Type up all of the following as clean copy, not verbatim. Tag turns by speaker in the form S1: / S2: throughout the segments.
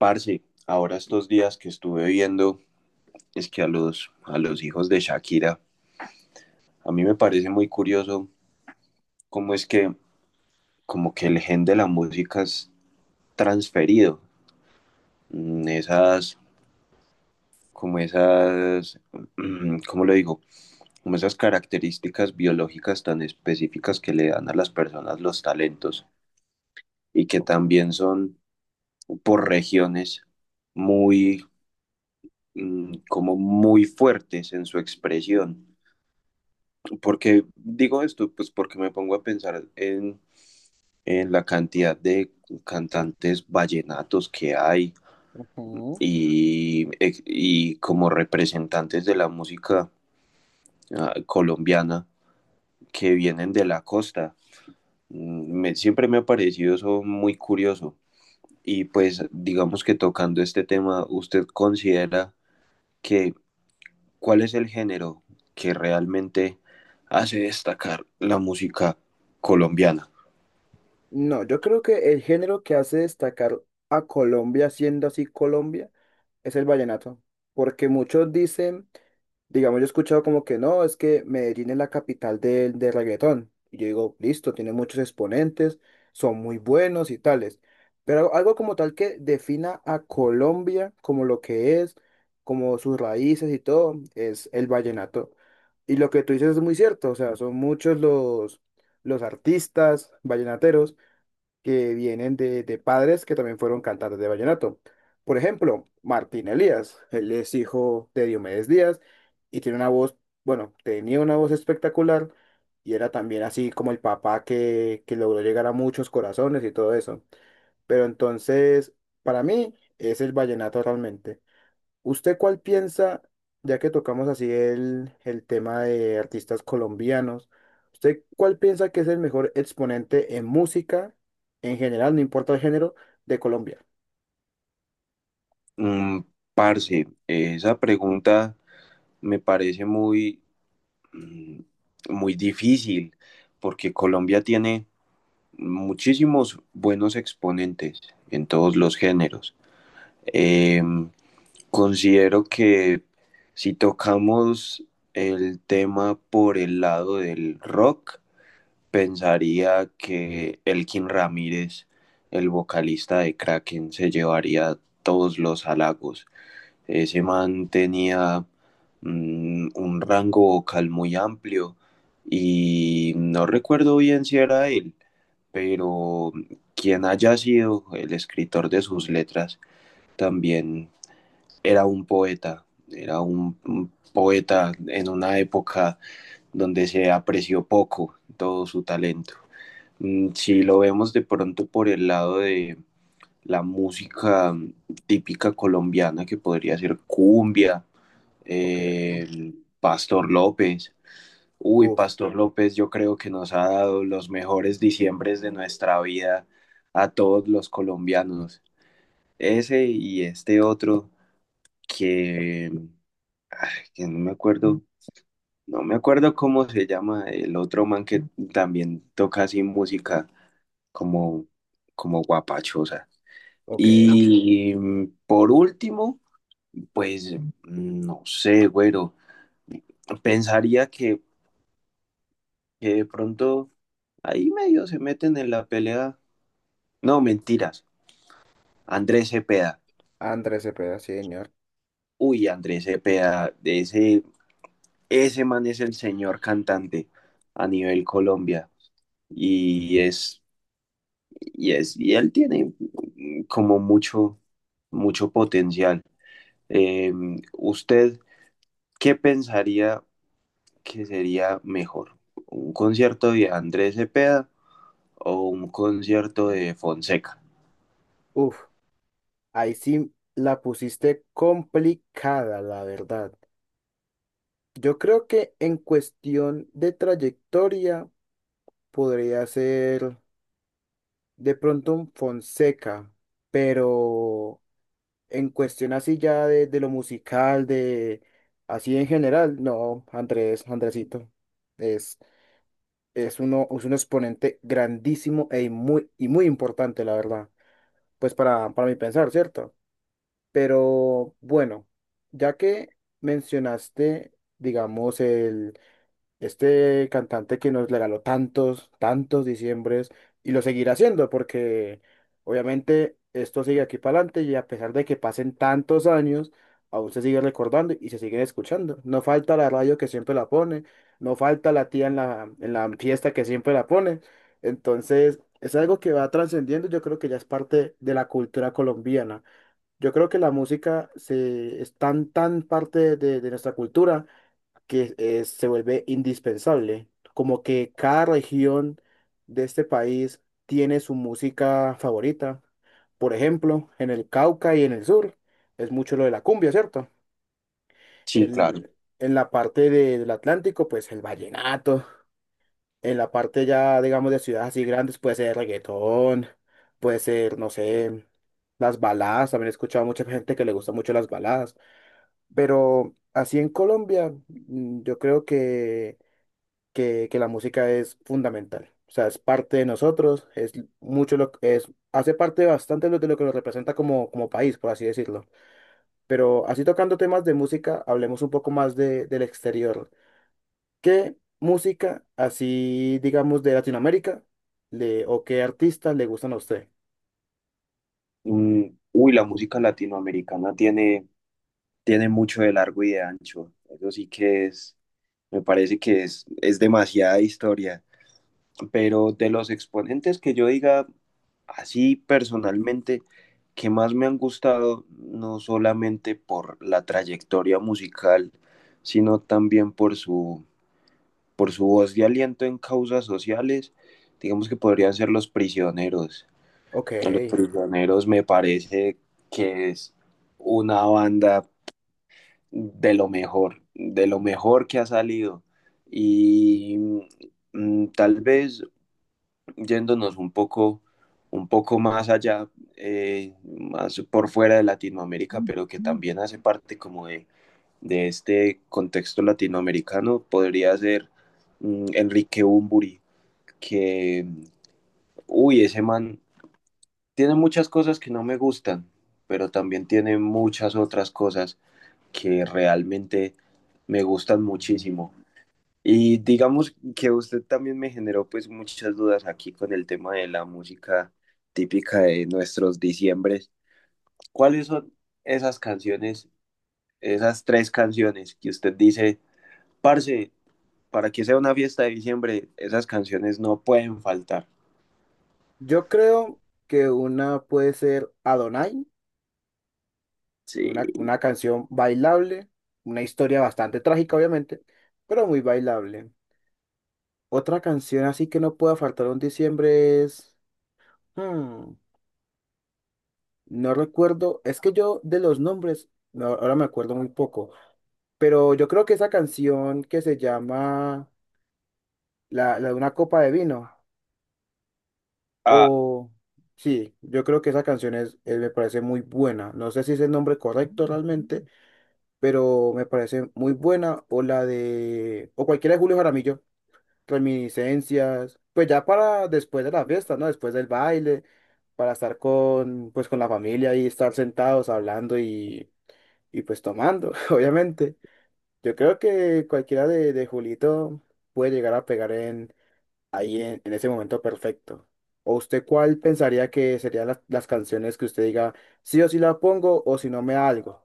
S1: Parce, ahora estos días que estuve viendo es que a los hijos de Shakira, a mí me parece muy curioso cómo es que como que el gen de la música es transferido. Mm, Esas, como esas, mm, ¿Cómo lo digo? Como esas características biológicas tan específicas que le dan a las personas los talentos y que
S2: Ok,
S1: también son por regiones muy, como muy fuertes en su expresión. ¿Por qué digo esto? Pues porque me pongo a pensar en la cantidad de cantantes vallenatos que hay
S2: ujú.
S1: y, y como representantes de la música colombiana que vienen de la costa. Siempre me ha parecido eso muy curioso. Y pues digamos que tocando este tema, ¿usted considera que cuál es el género que realmente hace destacar la música colombiana?
S2: No, yo creo que el género que hace destacar a Colombia, siendo así Colombia, es el vallenato, porque muchos dicen. Digamos, yo he escuchado como que no, es que Medellín es la capital del reggaetón. Y yo digo, listo, tiene muchos exponentes, son muy buenos y tales. Pero algo, algo como tal que defina a Colombia como lo que es, como sus raíces y todo, es el vallenato. Y lo que tú dices es muy cierto, o sea, son muchos los artistas vallenateros que vienen de padres que también fueron cantantes de vallenato. Por ejemplo, Martín Elías, él es hijo de Diomedes Díaz y tiene una voz, bueno, tenía una voz espectacular y era también así como el papá que logró llegar a muchos corazones y todo eso. Pero entonces, para mí, es el vallenato realmente. ¿Usted cuál piensa, ya que tocamos así el tema de artistas colombianos, ¿usted cuál piensa que es el mejor exponente en música, en general, no importa el género, de Colombia?
S1: Mm, Parce, esa pregunta me parece mm, muy difícil porque Colombia tiene muchísimos buenos exponentes en todos los géneros. Eh, Considero que si tocamos el tema por el lado del rock, pensaría que Elkin Ramírez, el vocalista de Kraken, se llevaría todos los halagos. Ese man tenía un rango vocal muy amplio y no recuerdo bien si era él, pero quien haya sido el escritor de sus letras, también era un poeta, era un poeta en una época donde se apreció poco todo su talento. Si lo vemos de pronto por el lado de la música típica colombiana, que podría ser cumbia,
S2: Ok.
S1: eh, Pastor López. Uy,
S2: Uf,
S1: Pastor López, yo creo que nos ha dado los mejores diciembres de nuestra vida a todos los colombianos. Ese y este otro que, que no me acuerdo, no me acuerdo cómo se llama, el otro man que también toca así música como, como guapachosa.
S2: ok.
S1: Y por último, pues no sé, güero, pensaría que de pronto ahí medio se meten en la pelea. No, mentiras. Andrés Cepeda.
S2: Andrés Cepeda, sí, señor.
S1: Uy, Andrés Cepeda, de ese, ese man es el señor cantante a nivel Colombia. Y es, y él tiene como mucho, mucho potencial. Eh, ¿Usted qué pensaría que sería mejor? ¿Un concierto de Andrés Cepeda o un concierto de Fonseca?
S2: Uf, ahí sí la pusiste complicada, la verdad. Yo creo que en cuestión de trayectoria podría ser de pronto un Fonseca, pero en cuestión así ya de lo musical, de así en general, no, Andrés, Andresito, es, es uno, es un exponente grandísimo e muy, y muy importante, la verdad, pues para mi pensar, ¿cierto? Pero bueno, ya que mencionaste, digamos, el este cantante que nos regaló tantos, tantos diciembres y lo seguirá haciendo porque obviamente esto sigue aquí para adelante y a pesar de que pasen tantos años, aún se sigue recordando y se siguen escuchando. No falta la radio que siempre la pone, no falta la tía en la fiesta que siempre la pone. Entonces es algo que va trascendiendo, yo creo que ya es parte de la cultura colombiana. Yo creo que la música se, es tan, tan parte de nuestra cultura que se vuelve indispensable. Como que cada región de este país tiene su música favorita. Por ejemplo, en el Cauca y en el sur es mucho lo de la cumbia, ¿cierto?
S1: Sí, claro.
S2: El, en la parte de- del Atlántico, pues el vallenato. En la parte ya, digamos, de ciudades así grandes puede ser reggaetón, puede ser, no sé, las baladas. También he escuchado a mucha gente que le gusta mucho las baladas. Pero así en Colombia, mm, yo creo que que la música es fundamental. O sea, es parte de nosotros, es mucho lo que es, hace parte bastante de lo que nos representa como, como país, por así decirlo. Pero así tocando temas de música, hablemos un poco más de, del exterior. ¿Qué música, así digamos, de Latinoamérica, le, o qué artistas le gustan a usted?
S1: Mm, Uy, la música latinoamericana tiene, tiene mucho de largo y de ancho. Eso sí que es, me parece que es demasiada historia. Pero de los exponentes que yo diga así personalmente, que más me han gustado, no solamente por la trayectoria musical, sino también por por su voz de aliento en causas sociales, digamos que podrían ser Los Prisioneros.
S2: Ok,
S1: A Los Prisioneros me parece que es una banda de lo mejor que ha salido. Y tal vez yéndonos un poco más allá, más por fuera de Latinoamérica, pero que también hace parte como de este contexto latinoamericano, podría ser Enrique Bunbury, que, uy, ese man tiene muchas cosas que no me gustan, pero también tiene muchas otras cosas que realmente me gustan muchísimo. Y digamos que usted también me generó pues muchas dudas aquí con el tema de la música típica de nuestros diciembres. ¿Cuáles son esas canciones, esas tres canciones que usted dice, parce, para que sea una fiesta de diciembre, esas canciones no pueden faltar?
S2: yo creo que una puede ser Adonai,
S1: Sí.
S2: una canción bailable, una historia bastante trágica, obviamente, pero muy bailable. Otra canción así que no pueda faltar en diciembre es… hmm, no recuerdo, es que yo de los nombres, no, ahora me acuerdo muy poco, pero yo creo que esa canción que se llama La, la de una copa de vino,
S1: Ah,
S2: o sí, yo creo que esa canción es, me parece muy buena, no sé si es el nombre correcto realmente, pero me parece muy buena, o la de, o cualquiera de Julio Jaramillo. Reminiscencias, pues ya para después de la fiesta, ¿no? Después del baile, para estar con, pues con la familia y estar sentados hablando y pues tomando, obviamente. Yo creo que cualquiera de Julito puede llegar a pegar en, ahí en ese momento perfecto. ¿O usted cuál pensaría que serían las canciones que usted diga, sí o sí la pongo o si no me da algo?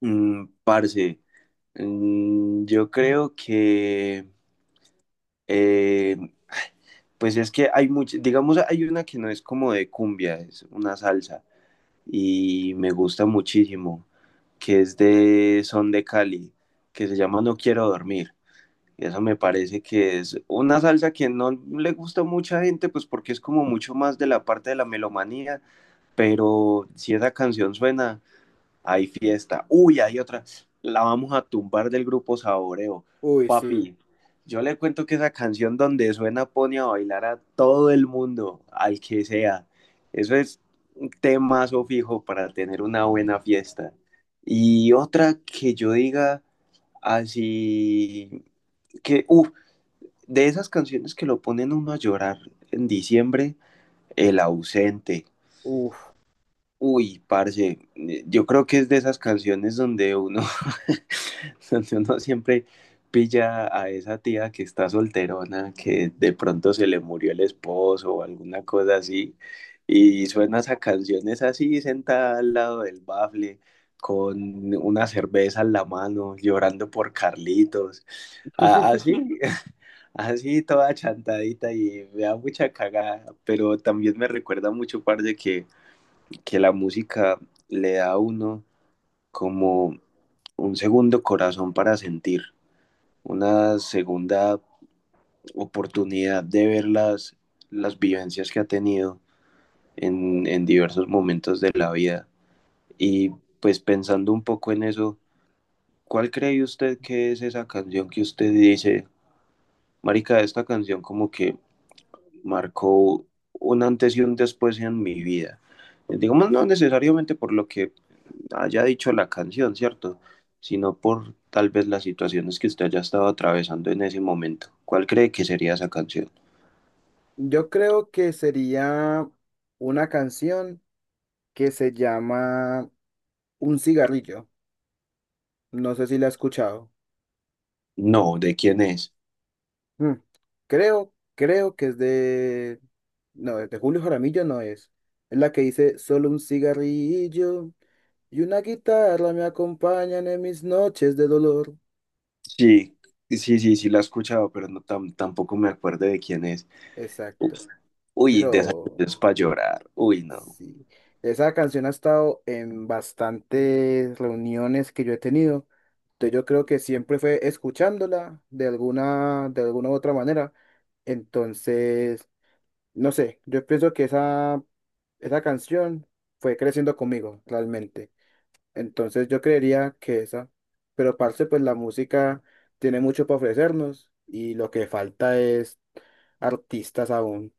S1: Parce, yo creo que, eh, pues es que hay muchas, digamos, hay una que no es como de cumbia, es una salsa y me gusta muchísimo, que es de Son de Cali, que se llama No quiero dormir. Y eso me parece que es una salsa que no le gusta a mucha gente, pues porque es como mucho más de la parte de la melomanía, pero si esa canción suena, hay fiesta. Uy, hay otra. La vamos a tumbar del grupo Saboreo.
S2: Uy, sí.
S1: Papi, yo le cuento que esa canción donde suena pone a bailar a todo el mundo, al que sea. Eso es un temazo fijo para tener una buena fiesta. Y otra que yo diga así, que, uff, de esas canciones que lo ponen uno a llorar en diciembre, El ausente.
S2: Uf.
S1: Uy, parce, yo creo que es de esas canciones donde uno donde uno siempre pilla a esa tía que está solterona, que de pronto se le murió el esposo o alguna cosa así, y suena esas canciones así, sentada al lado del bafle, con una cerveza en la mano, llorando por Carlitos, así, así toda chantadita y me da mucha cagada, pero también me recuerda mucho, parce, que la música le da a uno como un segundo corazón para sentir una segunda oportunidad de ver las vivencias que ha tenido en diversos momentos de la vida. Y pues pensando un poco en eso, ¿cuál cree usted que es esa canción que usted dice, marica, esta canción como que marcó un antes y un después en mi vida? Digamos, no necesariamente por lo que haya dicho la canción, ¿cierto? Sino por tal vez las situaciones que usted haya estado atravesando en ese momento. ¿Cuál cree que sería esa canción?
S2: Yo creo que sería una canción que se llama Un cigarrillo. No sé si la has escuchado.
S1: No, ¿de quién es?
S2: Mm, creo, creo que es de… No, de Julio Jaramillo no es. Es la que dice solo un cigarrillo y una guitarra me acompañan en mis noches de dolor.
S1: Sí, sí, sí, sí la he escuchado, pero no tampoco me acuerdo de quién es.
S2: Exacto.
S1: Uy, de esa
S2: Pero
S1: es para llorar. Uy, no.
S2: sí, esa canción ha estado en bastantes reuniones que yo he tenido. Entonces yo creo que siempre fue escuchándola de alguna u otra manera. Entonces, no sé, yo pienso que esa canción fue creciendo conmigo realmente. Entonces yo creería que esa. Pero parce, pues la música tiene mucho para ofrecernos y lo que falta es artistas aún.